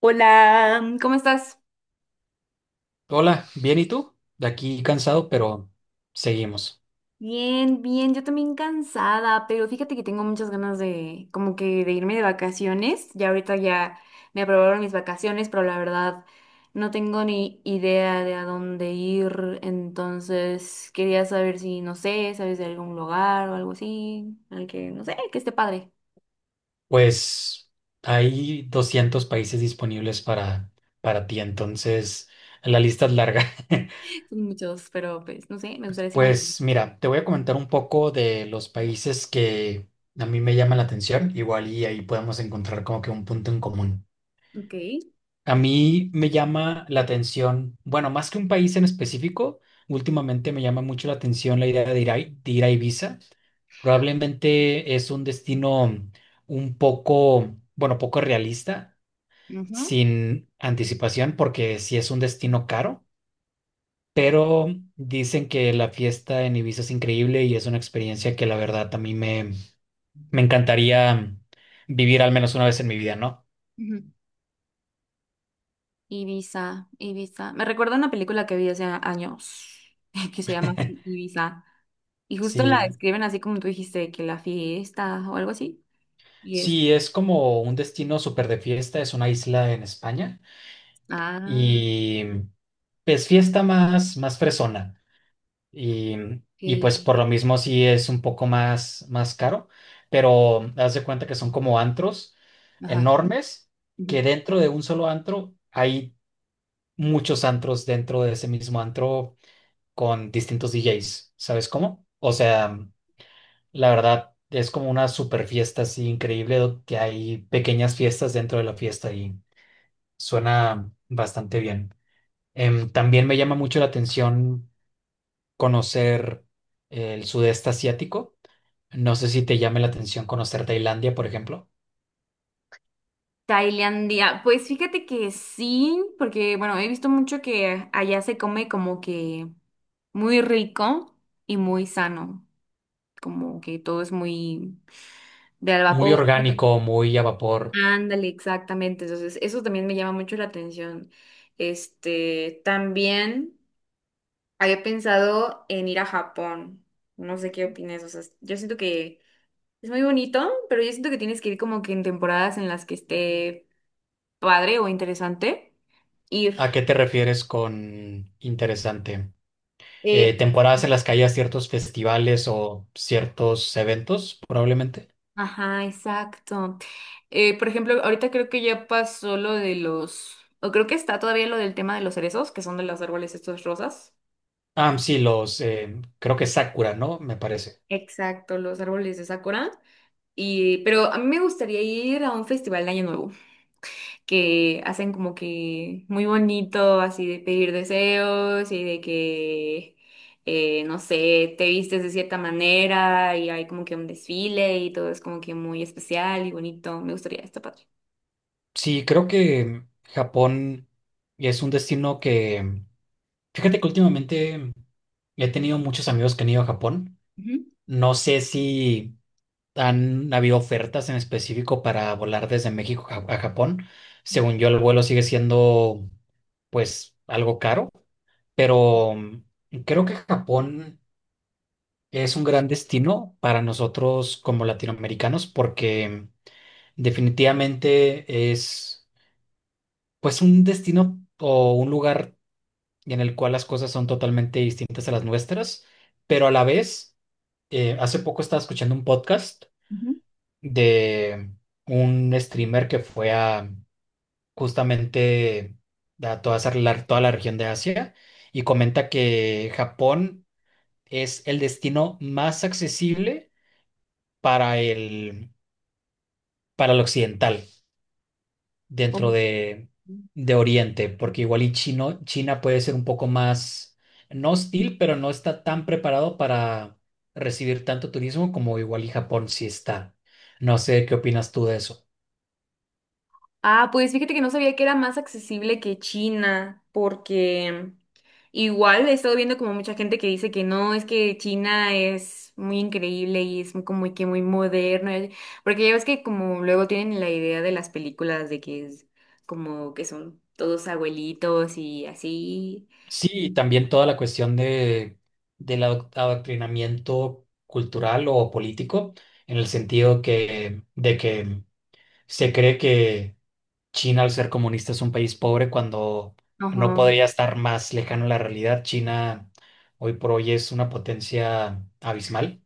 Hola, ¿cómo estás? Hola, bien, ¿y tú? De aquí cansado, pero seguimos. Bien, bien, yo también cansada, pero fíjate que tengo muchas ganas de como que de irme de vacaciones. Ya ahorita ya me aprobaron mis vacaciones, pero la verdad no tengo ni idea de a dónde ir, entonces quería saber si, no sé, sabes de algún lugar o algo así, al que, no sé, que esté padre. Pues hay 200 países disponibles para ti, entonces la lista es larga. Son muchos, pero pues, no sé, me gustaría así como que... Pues mira, te voy a comentar un poco de los países que a mí me llaman la atención, igual y ahí podemos encontrar como que un punto en común. Ok. A mí me llama la atención, bueno, más que un país en específico, últimamente me llama mucho la atención la idea de ir a Ibiza. Probablemente es un destino un poco, bueno, poco realista, Ujú, sin anticipación, porque sí es un destino caro, pero dicen que la fiesta en Ibiza es increíble y es una experiencia que la verdad a mí me encantaría vivir al menos una vez en mi vida, ¿no? ujú. Ibiza, Ibiza. Me recuerda una película que vi hace años que se llama así, Ibiza. Y justo la Sí, describen así como tú dijiste, que la fiesta o algo así. Y es, sí, es como un destino súper de fiesta, es una isla en España ah, y es fiesta más fresona. Y, y que, pues por lo mismo sí es un poco más caro, pero haz de cuenta que son como antros ajá. enormes, que Ujú. dentro de un solo antro hay muchos antros dentro de ese mismo antro con distintos DJs, ¿sabes cómo? O sea, la verdad es como una super fiesta así increíble, que hay pequeñas fiestas dentro de la fiesta y suena bastante bien. También me llama mucho la atención conocer el sudeste asiático. No sé si te llame la atención conocer Tailandia, por ejemplo. Tailandia. Pues fíjate que sí, porque bueno, he visto mucho que allá se come como que muy rico y muy sano. Como que todo es muy de al Muy vapor. orgánico, muy a vapor. Ándale, exactamente. Entonces, eso también me llama mucho la atención. Este, también había pensado en ir a Japón. No sé qué opinas. O sea, yo siento que es muy bonito, pero yo siento que tienes que ir como que en temporadas en las que esté padre o interesante ir. ¿A qué te refieres con interesante? Eh, Temporadas en las que haya ciertos festivales o ciertos eventos, probablemente. ajá, exacto. Por ejemplo, ahorita creo que ya pasó lo de los, o creo que está todavía lo del tema de los cerezos, que son de los árboles estos rosas. Ah, sí, creo que Sakura, ¿no? Me parece. Exacto, los árboles de Sakura. Y, pero a mí me gustaría ir a un festival de Año Nuevo, que hacen como que muy bonito, así de pedir deseos y de que, no sé, te vistes de cierta manera y hay como que un desfile y todo es como que muy especial y bonito. Me gustaría, está padre. Sí, creo que Japón es un destino que, fíjate que últimamente he tenido muchos amigos que han ido a Japón. Ujú, No sé si han habido ofertas en específico para volar desde México a Japón. Según yo, el vuelo sigue siendo, pues, algo caro, pero creo que Japón es un gran destino para nosotros como latinoamericanos porque definitivamente es, pues, un destino o un lugar en el cual las cosas son totalmente distintas a las nuestras, pero a la vez, hace poco estaba escuchando un podcast ujú. de un streamer que fue a justamente a toda esa, toda la región de Asia y comenta que Japón es el destino más accesible para el, para el occidental dentro de Oriente, porque igual y China puede ser un poco más, no hostil, pero no está tan preparado para recibir tanto turismo como igual y Japón sí está. No sé qué opinas tú de eso. Ah, pues fíjate que no sabía que era más accesible que China, porque igual he estado viendo como mucha gente que dice que no, es que China es muy increíble y es muy, como que muy moderno, porque ya ves que como luego tienen la idea de las películas de que es como que son todos abuelitos y así. Sí, y también toda la cuestión del adoctrinamiento cultural o político, en el sentido que, de que se cree que China, al ser comunista, es un país pobre cuando no Ajá. podría estar más lejano a la realidad. China hoy por hoy es una potencia abismal.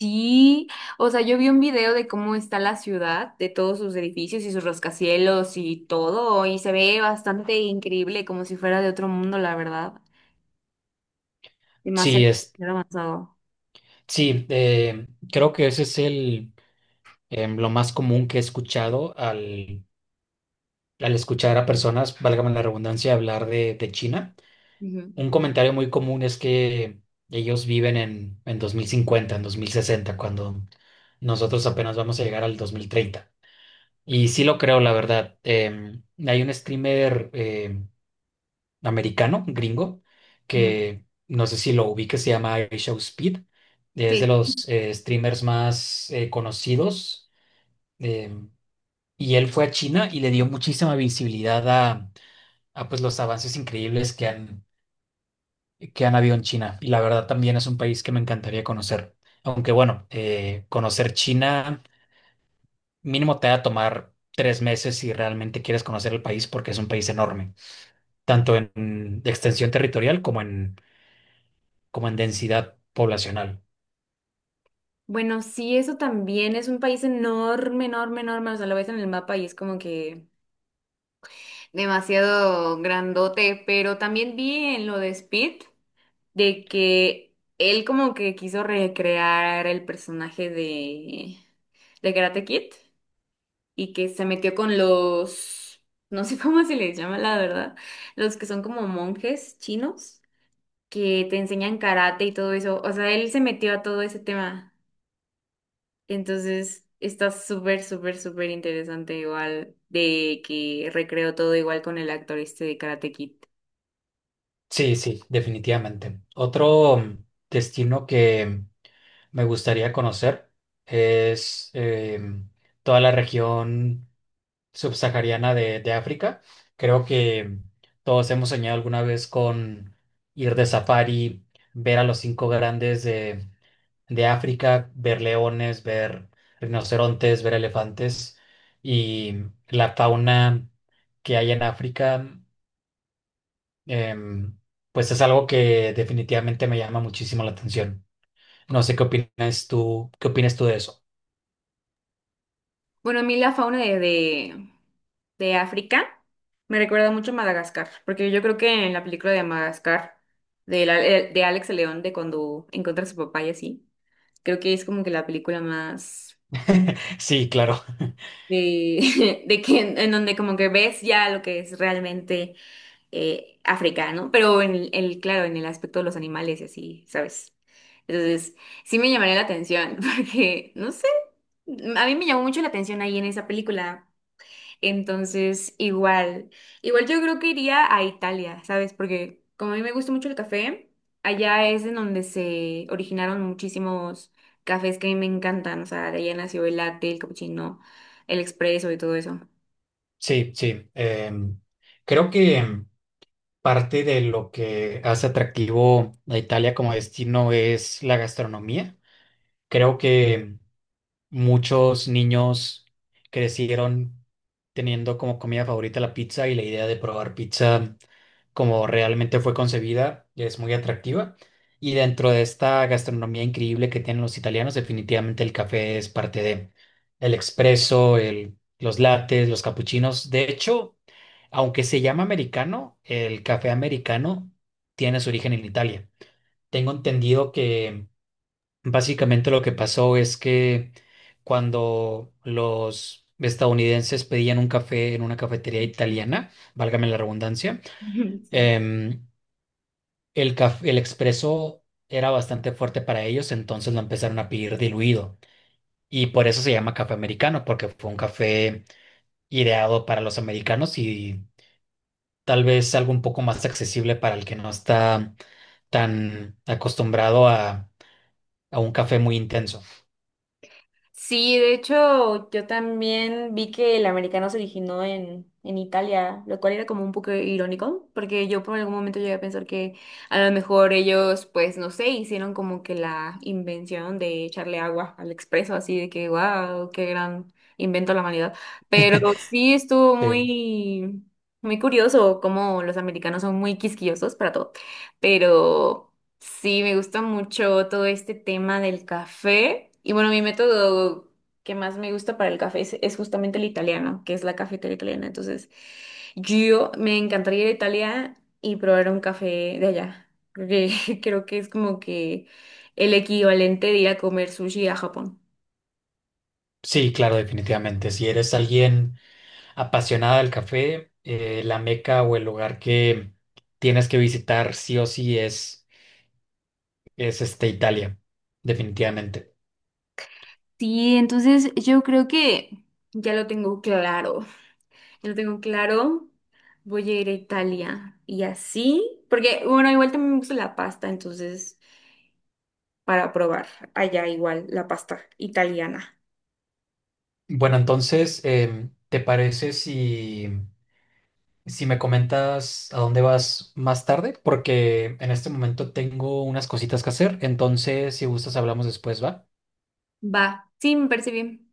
Sí, o sea, yo vi un video de cómo está la ciudad, de todos sus edificios y sus rascacielos y todo, y se ve bastante increíble, como si fuera de otro mundo, la verdad. Sí, Demasiado demasiado avanzado. sí, eh, creo que ese es lo más común que he escuchado al escuchar a personas, válgame la redundancia, hablar de China. Ujú, Un comentario muy común es que ellos viven en 2050, en 2060, cuando nosotros apenas vamos a llegar al 2030. Y sí lo creo, la verdad. Hay un streamer americano, gringo, ujú. que no sé si lo ubique, se llama Show Speed. Es de los Sí. Streamers más conocidos. Em, y él fue a China y le dio muchísima visibilidad a pues, los avances increíbles que han habido en China. Y la verdad también es un país que me encantaría conocer. Aunque bueno, conocer China mínimo te va a tomar 3 meses si realmente quieres conocer el país porque es un país enorme, tanto en extensión territorial como en densidad poblacional. Bueno, sí, eso también es un país enorme, enorme, enorme. O sea, lo ves en el mapa y es como que demasiado grandote, pero también vi en lo de Speed. De que él como que quiso recrear el personaje de Karate Kid y que se metió con los, no sé cómo se les llama la verdad, los que son como monjes chinos que te enseñan karate y todo eso. O sea, él se metió a todo ese tema. Entonces está súper, súper, súper interesante igual de que recreó todo igual con el actor este de Karate Kid. Sí, sí, definitivamente. Otro destino que me gustaría conocer es toda la región subsahariana de África. Creo que todos hemos soñado alguna vez con ir de safari, ver a los cinco grandes de África, ver leones, ver rinocerontes, ver elefantes y la fauna que hay en África. Em, pues es algo que definitivamente me llama muchísimo la atención. No sé qué opinas tú de eso. Bueno, a mí la fauna de África me recuerda mucho a Madagascar, porque yo creo que en la película de Madagascar, de, de Alex el León, de cuando encuentra a su papá y así, creo que es como que la película más Sí, claro. de, de que en donde como que ves ya lo que es realmente África, ¿no? Pero en el, claro, en el aspecto de los animales y así, ¿sabes? Entonces, sí me llamaría la atención, porque, no sé, a mí me llamó mucho la atención ahí en esa película. Entonces, igual, igual yo creo que iría a Italia, ¿sabes? Porque como a mí me gusta mucho el café, allá es en donde se originaron muchísimos cafés que a mí me encantan, o sea, de allá nació el latte, el cappuccino, el expreso y todo eso. Sí, sí. Creo que parte de lo que hace atractivo a Italia como destino es la gastronomía. Creo que muchos niños crecieron teniendo como comida favorita la pizza y la idea de probar pizza como realmente fue concebida es muy atractiva. Y dentro de esta gastronomía increíble que tienen los italianos, definitivamente el café es parte de el expreso, los lates, los capuchinos. De hecho, aunque se llama americano, el café americano tiene su origen en Italia. Tengo entendido que básicamente lo que pasó es que cuando los estadounidenses pedían un café en una cafetería italiana, válgame la redundancia, Sí. em, el expreso era bastante fuerte para ellos, entonces lo empezaron a pedir diluido. Y por eso se llama café americano, porque fue un café ideado para los americanos y tal vez algo un poco más accesible para el que no está tan acostumbrado a un café muy intenso. Sí, de hecho, yo también vi que el americano se originó en Italia, lo cual era como un poco irónico, porque yo por algún momento llegué a pensar que a lo mejor ellos, pues no sé, hicieron como que la invención de echarle agua al expreso, así de que, wow, qué gran invento de la humanidad. Pero sí estuvo Eh, muy, muy curioso cómo los americanos son muy quisquillosos para todo, pero... Sí, me gusta mucho todo este tema del café. Y bueno, mi método que más me gusta para el café es justamente el italiano, que es la cafetería italiana. Entonces, yo me encantaría ir a Italia y probar un café de allá. Creo que, creo que es como que el equivalente de ir a comer sushi a Japón. sí, claro, definitivamente. Si eres alguien apasionada del café, la meca o el lugar que tienes que visitar sí o sí es Italia, definitivamente. Sí, entonces yo creo que ya lo tengo claro. Ya lo tengo claro. Voy a ir a Italia y así, porque bueno, igual también me gusta la pasta, entonces. Para probar allá igual la pasta italiana. Bueno, entonces, em, ¿te parece si... si me comentas a dónde vas más tarde, porque en este momento tengo unas cositas que hacer, entonces si gustas hablamos después, ¿va? Va, sí, me parece bien.